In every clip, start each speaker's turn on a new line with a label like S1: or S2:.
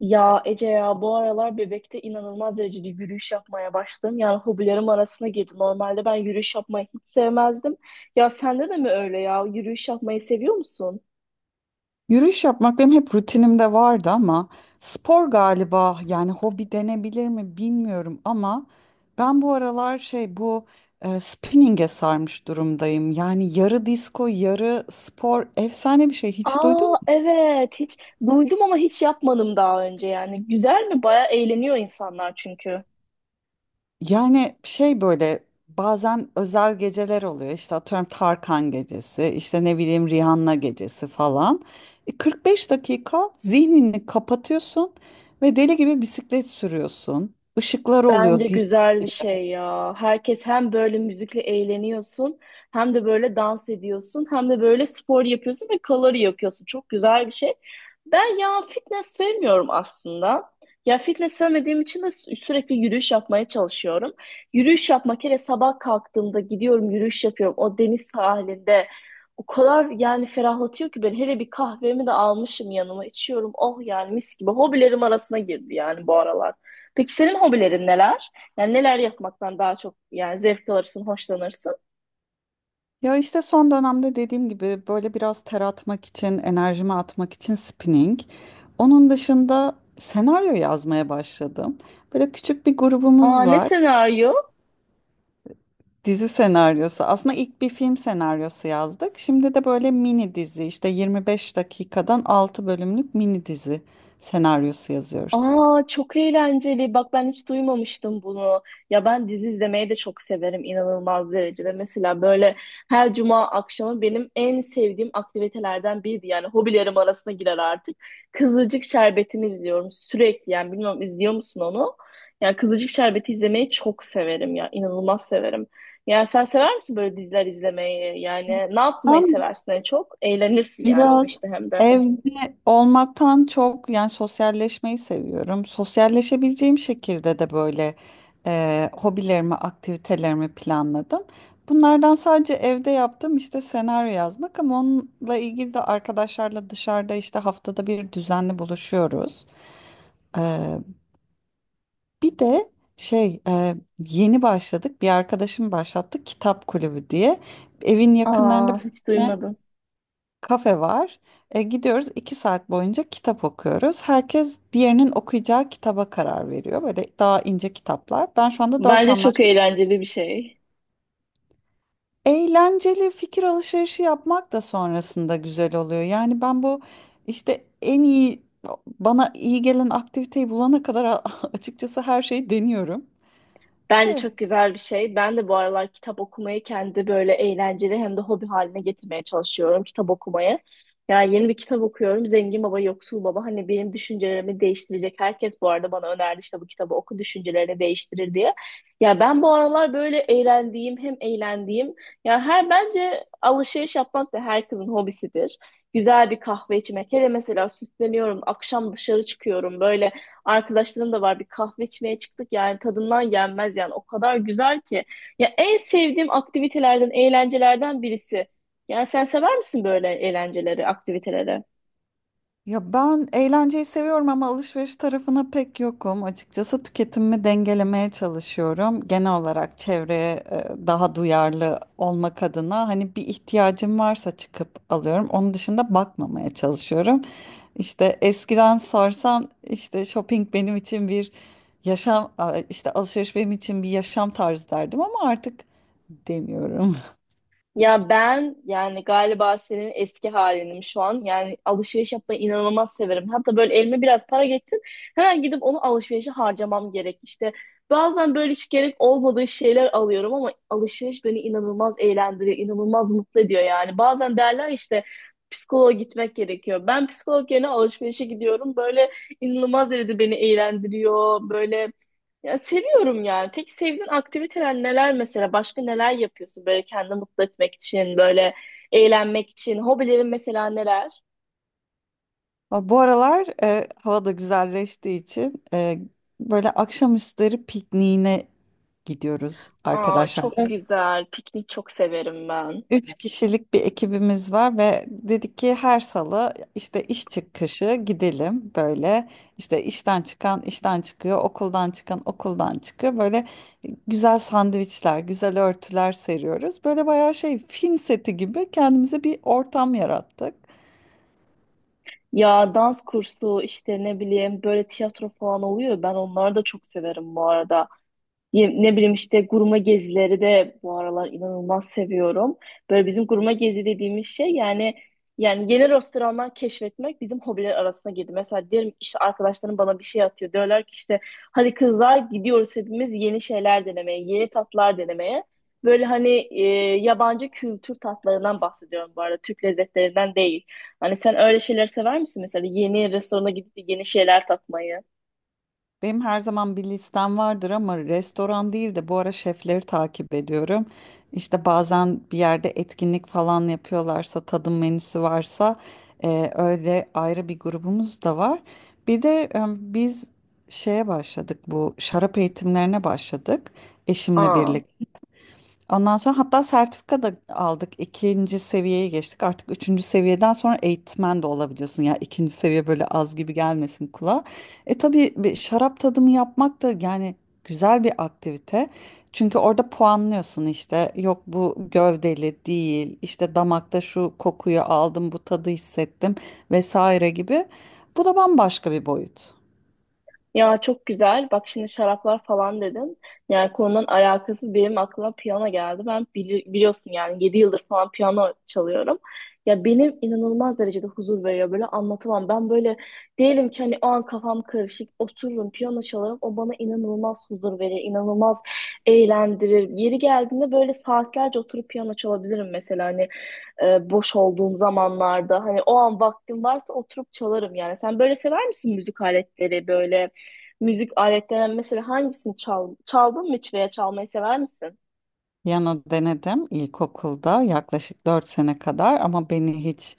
S1: Ya Ece ya bu aralar Bebek'te inanılmaz derecede yürüyüş yapmaya başladım. Yani hobilerim arasına girdi. Normalde ben yürüyüş yapmayı hiç sevmezdim. Ya sende de mi öyle ya? Yürüyüş yapmayı seviyor musun?
S2: Yürüyüş yapmak benim hep rutinimde vardı ama spor galiba yani hobi denebilir mi bilmiyorum ama ben bu aralar spinning'e sarmış durumdayım. Yani yarı disco yarı spor efsane bir şey hiç duydun
S1: Aa,
S2: mu?
S1: evet, hiç duydum ama hiç yapmadım daha önce yani. Güzel mi? Baya eğleniyor insanlar çünkü.
S2: Yani şey böyle bazen özel geceler oluyor işte atıyorum Tarkan gecesi işte ne bileyim Rihanna gecesi falan. 45 dakika zihnini kapatıyorsun ve deli gibi bisiklet sürüyorsun. Işıklar
S1: Bence
S2: oluyor dis.
S1: güzel bir şey ya. Herkes hem böyle müzikle eğleniyorsun, hem de böyle dans ediyorsun, hem de böyle spor yapıyorsun ve kalori yakıyorsun. Çok güzel bir şey. Ben ya fitness sevmiyorum aslında. Ya fitness sevmediğim için de sürekli yürüyüş yapmaya çalışıyorum. Yürüyüş yapmak hele sabah kalktığımda gidiyorum yürüyüş yapıyorum o deniz sahilinde. O kadar yani ferahlatıyor ki ben hele bir kahvemi de almışım yanıma içiyorum. Oh yani mis gibi hobilerim arasına girdi yani bu aralar. Peki senin hobilerin neler? Yani neler yapmaktan daha çok yani zevk alırsın, hoşlanırsın?
S2: Ya işte son dönemde dediğim gibi böyle biraz ter atmak için enerjimi atmak için spinning. Onun dışında senaryo yazmaya başladım. Böyle küçük bir
S1: Aa,
S2: grubumuz
S1: ne
S2: var.
S1: senaryo?
S2: Dizi senaryosu. Aslında ilk bir film senaryosu yazdık. Şimdi de böyle mini dizi işte 25 dakikadan 6 bölümlük mini dizi senaryosu yazıyoruz.
S1: Aa, çok eğlenceli. Bak ben hiç duymamıştım bunu. Ya ben dizi izlemeyi de çok severim inanılmaz derecede. Mesela böyle her cuma akşamı benim en sevdiğim aktivitelerden biriydi. Yani hobilerim arasına girer artık. Kızılcık Şerbeti'ni izliyorum sürekli. Yani bilmiyorum izliyor musun onu? Yani Kızılcık Şerbeti izlemeyi çok severim ya. İnanılmaz severim. Yani sen sever misin böyle diziler izlemeyi? Yani ne yapmayı
S2: Aa,
S1: seversin en çok? Eğlenirsin yani o
S2: biraz
S1: işte hem de.
S2: evde olmaktan çok yani sosyalleşmeyi seviyorum. Sosyalleşebileceğim şekilde de hobilerimi, aktivitelerimi planladım. Bunlardan sadece evde yaptığım işte senaryo yazmak ama onunla ilgili de arkadaşlarla dışarıda işte haftada bir düzenli buluşuyoruz. Ee, bir de yeni başladık, bir arkadaşım başlattı kitap kulübü diye. Evin yakınlarında
S1: Aa,
S2: bir
S1: hiç
S2: tane
S1: duymadım.
S2: kafe var. Gidiyoruz 2 saat boyunca kitap okuyoruz. Herkes diğerinin okuyacağı kitaba karar veriyor. Böyle daha ince kitaplar. Ben şu anda dört
S1: Bence
S2: anlar.
S1: çok eğlenceli bir şey.
S2: Eğlenceli fikir alışverişi yapmak da sonrasında güzel oluyor. Yani ben bu işte en iyi bana iyi gelen aktiviteyi bulana kadar açıkçası her şeyi deniyorum.
S1: Bence
S2: Eh,
S1: çok güzel bir şey. Ben de bu aralar kitap okumayı kendi böyle eğlenceli hem de hobi haline getirmeye çalışıyorum kitap okumayı. Yani yeni bir kitap okuyorum. Zengin Baba, Yoksul Baba. Hani benim düşüncelerimi değiştirecek. Herkes bu arada bana önerdi işte bu kitabı oku düşüncelerini değiştirir diye. Ya ben bu aralar böyle eğlendiğim hem eğlendiğim. Ya her bence alışveriş yapmak da herkesin hobisidir. Güzel bir kahve içmek. Hele mesela süsleniyorum. Akşam dışarı çıkıyorum. Böyle arkadaşlarım da var bir kahve içmeye çıktık yani tadından yenmez yani o kadar güzel ki. Ya en sevdiğim aktivitelerden, eğlencelerden birisi. Yani sen sever misin böyle eğlenceleri, aktiviteleri?
S2: Ya ben eğlenceyi seviyorum ama alışveriş tarafına pek yokum. Açıkçası tüketimimi dengelemeye çalışıyorum. Genel olarak çevreye daha duyarlı olmak adına hani bir ihtiyacım varsa çıkıp alıyorum. Onun dışında bakmamaya çalışıyorum. İşte eskiden sorsan işte shopping benim için bir işte alışveriş benim için bir yaşam tarzı derdim ama artık demiyorum.
S1: Ya ben yani galiba senin eski halinim şu an. Yani alışveriş yapmayı inanılmaz severim. Hatta böyle elime biraz para geçsin hemen gidip onu alışverişe harcamam gerek. İşte bazen böyle hiç gerek olmadığı şeyler alıyorum ama alışveriş beni inanılmaz eğlendiriyor, inanılmaz mutlu ediyor yani. Bazen derler işte psikoloğa gitmek gerekiyor. Ben psikolog yerine alışverişe gidiyorum. Böyle inanılmaz derecede beni eğlendiriyor. Böyle ya seviyorum yani. Peki sevdiğin aktiviteler neler mesela? Başka neler yapıyorsun böyle kendini mutlu etmek için, böyle eğlenmek için? Hobilerin mesela neler?
S2: Ama bu aralar hava da güzelleştiği için, böyle akşamüstleri pikniğine gidiyoruz
S1: Aa,
S2: arkadaşlar.
S1: çok
S2: Evet.
S1: güzel. Piknik çok severim ben.
S2: Üç kişilik bir ekibimiz var ve dedik ki her salı işte iş çıkışı gidelim. Böyle işte işten çıkan işten çıkıyor, okuldan çıkan okuldan çıkıyor. Böyle güzel sandviçler, güzel örtüler seriyoruz, böyle bayağı şey film seti gibi kendimize bir ortam yarattık.
S1: Ya dans kursu işte ne bileyim böyle tiyatro falan oluyor. Ben onları da çok severim bu arada. Ne bileyim işte gurme gezileri de bu aralar inanılmaz seviyorum. Böyle bizim gurme gezi dediğimiz şey yani yeni restoranlar keşfetmek bizim hobiler arasına girdi. Mesela diyelim işte arkadaşlarım bana bir şey atıyor. Diyorlar ki işte hadi kızlar gidiyoruz hepimiz yeni şeyler denemeye, yeni tatlar denemeye. Böyle hani yabancı kültür tatlarından bahsediyorum bu arada. Türk lezzetlerinden değil. Hani sen öyle şeyler sever misin mesela yeni restorana gidip de yeni şeyler tatmayı?
S2: Benim her zaman bir listem vardır ama restoran değil de bu ara şefleri takip ediyorum. İşte bazen bir yerde etkinlik falan yapıyorlarsa, tadım menüsü varsa öyle ayrı bir grubumuz da var. Bir de biz şeye başladık bu şarap eğitimlerine başladık eşimle
S1: Aa.
S2: birlikte. Ondan sonra hatta sertifika da aldık. İkinci seviyeye geçtik. Artık üçüncü seviyeden sonra eğitmen de olabiliyorsun. Ya ikinci seviye böyle az gibi gelmesin kulağa. E tabii bir şarap tadımı yapmak da yani güzel bir aktivite. Çünkü orada puanlıyorsun işte. Yok bu gövdeli değil. İşte damakta şu kokuyu aldım, bu tadı hissettim vesaire gibi. Bu da bambaşka bir boyut.
S1: Ya çok güzel. Bak şimdi şaraplar falan dedin. Yani konudan alakasız benim aklıma piyano geldi. Ben biliyorsun yani 7 yıldır falan piyano çalıyorum. Ya benim inanılmaz derecede huzur veriyor. Böyle anlatamam. Ben böyle diyelim ki hani o an kafam karışık. Otururum piyano çalarım. O bana inanılmaz huzur verir. İnanılmaz eğlendirir. Yeri geldiğinde böyle saatlerce oturup piyano çalabilirim mesela. Hani boş olduğum zamanlarda hani o an vaktim varsa oturup çalarım yani. Sen böyle sever misin müzik aletleri böyle müzik aletlerinden mesela hangisini çaldın mı hiç veya çalmayı sever misin?
S2: Piyano denedim ilkokulda yaklaşık 4 sene kadar ama beni hiç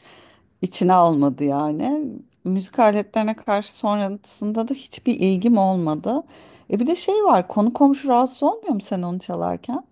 S2: içine almadı yani. Müzik aletlerine karşı sonrasında da hiçbir ilgim olmadı. E bir de şey var, konu komşu rahatsız olmuyor mu sen onu çalarken?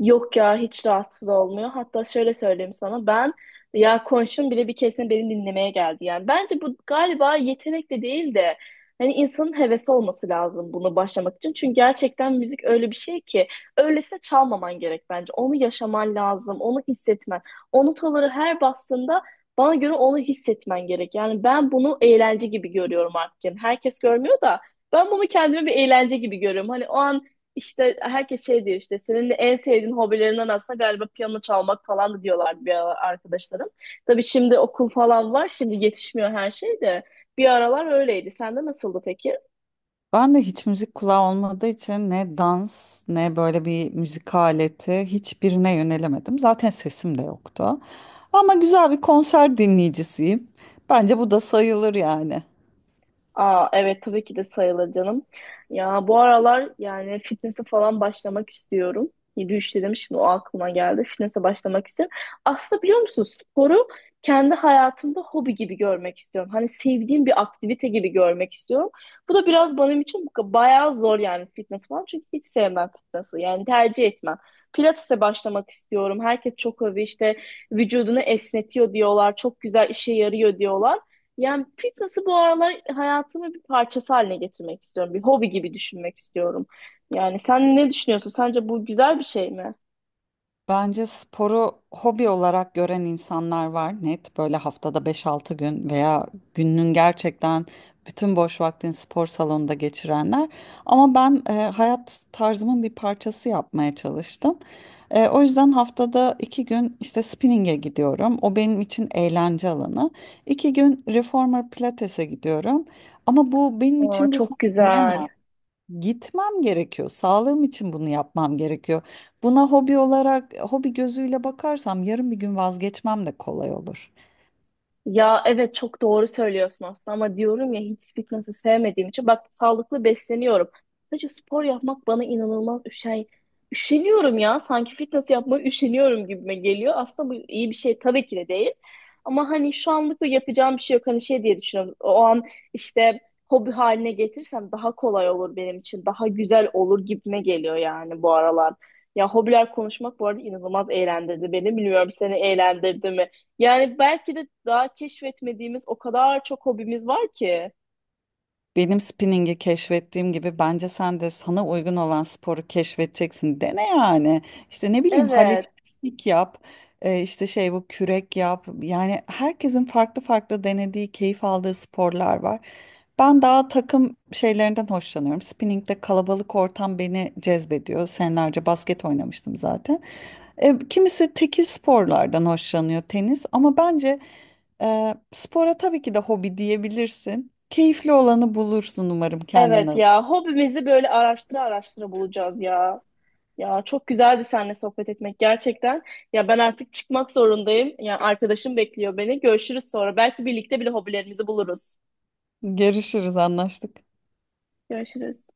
S1: Yok ya hiç rahatsız olmuyor. Hatta şöyle söyleyeyim sana ben ya konuşum bile bir keresinde beni dinlemeye geldi. Yani bence bu galiba yetenek de değil de hani insanın hevesi olması lazım bunu başlamak için. Çünkü gerçekten müzik öyle bir şey ki öylesine çalmaman gerek bence. Onu yaşaman lazım, onu hissetmen. O notaları her bastığında bana göre onu hissetmen gerek. Yani ben bunu eğlence gibi görüyorum artık. Yani herkes görmüyor da ben bunu kendime bir eğlence gibi görüyorum. Hani o an işte herkes şey diyor işte senin de en sevdiğin hobilerinden aslında galiba piyano çalmak falan da diyorlardı bir aralar arkadaşlarım. Tabii şimdi okul falan var şimdi yetişmiyor her şey de bir aralar öyleydi. Sende nasıldı peki?
S2: Ben de hiç müzik kulağı olmadığı için ne dans ne böyle bir müzik aleti hiçbirine yönelemedim. Zaten sesim de yoktu. Ama güzel bir konser dinleyicisiyim. Bence bu da sayılır yani.
S1: Aa, evet, tabii ki de sayılır canım. Ya bu aralar yani fitness'e falan başlamak istiyorum. 7-3 dedim şimdi o aklıma geldi. Fitness'e başlamak istiyorum. Aslında biliyor musun sporu kendi hayatımda hobi gibi görmek istiyorum. Hani sevdiğim bir aktivite gibi görmek istiyorum. Bu da biraz benim için bayağı zor yani fitness falan. Çünkü hiç sevmem fitness'ı yani tercih etmem. Pilates'e başlamak istiyorum. Herkes çok övüyor işte vücudunu esnetiyor diyorlar. Çok güzel işe yarıyor diyorlar. Yani fitness'ı bu aralar hayatımın bir parçası haline getirmek istiyorum. Bir hobi gibi düşünmek istiyorum. Yani sen ne düşünüyorsun? Sence bu güzel bir şey mi?
S2: Bence sporu hobi olarak gören insanlar var, net böyle haftada beş-altı gün veya gününün gerçekten bütün boş vaktini spor salonunda geçirenler. Ama ben hayat tarzımın bir parçası yapmaya çalıştım. O yüzden haftada 2 gün işte spinning'e gidiyorum. O benim için eğlence alanı. 2 gün reformer pilates'e gidiyorum. Ama bu benim
S1: Aa,
S2: için bir
S1: çok
S2: hobi
S1: güzel.
S2: diyemem. Gitmem gerekiyor. Sağlığım için bunu yapmam gerekiyor. Buna hobi olarak, hobi gözüyle bakarsam yarın bir gün vazgeçmem de kolay olur.
S1: Ya evet çok doğru söylüyorsun aslında ama diyorum ya hiç fitnessi sevmediğim için bak sağlıklı besleniyorum. Sadece spor yapmak bana inanılmaz üşeniyorum ya sanki fitness yapmaya üşeniyorum gibime geliyor. Aslında bu iyi bir şey tabii ki de değil. Ama hani şu anlık da yapacağım bir şey yok. Hani şey diye düşünüyorum. O an işte hobi haline getirsem daha kolay olur benim için. Daha güzel olur gibime geliyor yani bu aralar. Ya hobiler konuşmak bu arada inanılmaz eğlendirdi beni. Bilmiyorum seni eğlendirdi mi? Yani belki de daha keşfetmediğimiz o kadar çok hobimiz var ki.
S2: Benim spinningi keşfettiğim gibi bence sen de sana uygun olan sporu keşfedeceksin. Dene yani. İşte ne bileyim
S1: Evet,
S2: halekupik yap, işte şey bu kürek yap. Yani herkesin farklı farklı denediği, keyif aldığı sporlar var. Ben daha takım şeylerinden hoşlanıyorum. Spinning'de kalabalık ortam beni cezbediyor. Senelerce basket oynamıştım zaten. Kimisi tekil sporlardan hoşlanıyor, tenis, ama bence spora tabii ki de hobi diyebilirsin. Keyifli olanı bulursun umarım
S1: evet
S2: kendine.
S1: ya. Hobimizi böyle araştıra araştıra bulacağız ya. Ya çok güzeldi seninle sohbet etmek gerçekten. Ya ben artık çıkmak zorundayım. Ya arkadaşım bekliyor beni. Görüşürüz sonra. Belki birlikte bile hobilerimizi buluruz.
S2: Görüşürüz, anlaştık.
S1: Görüşürüz.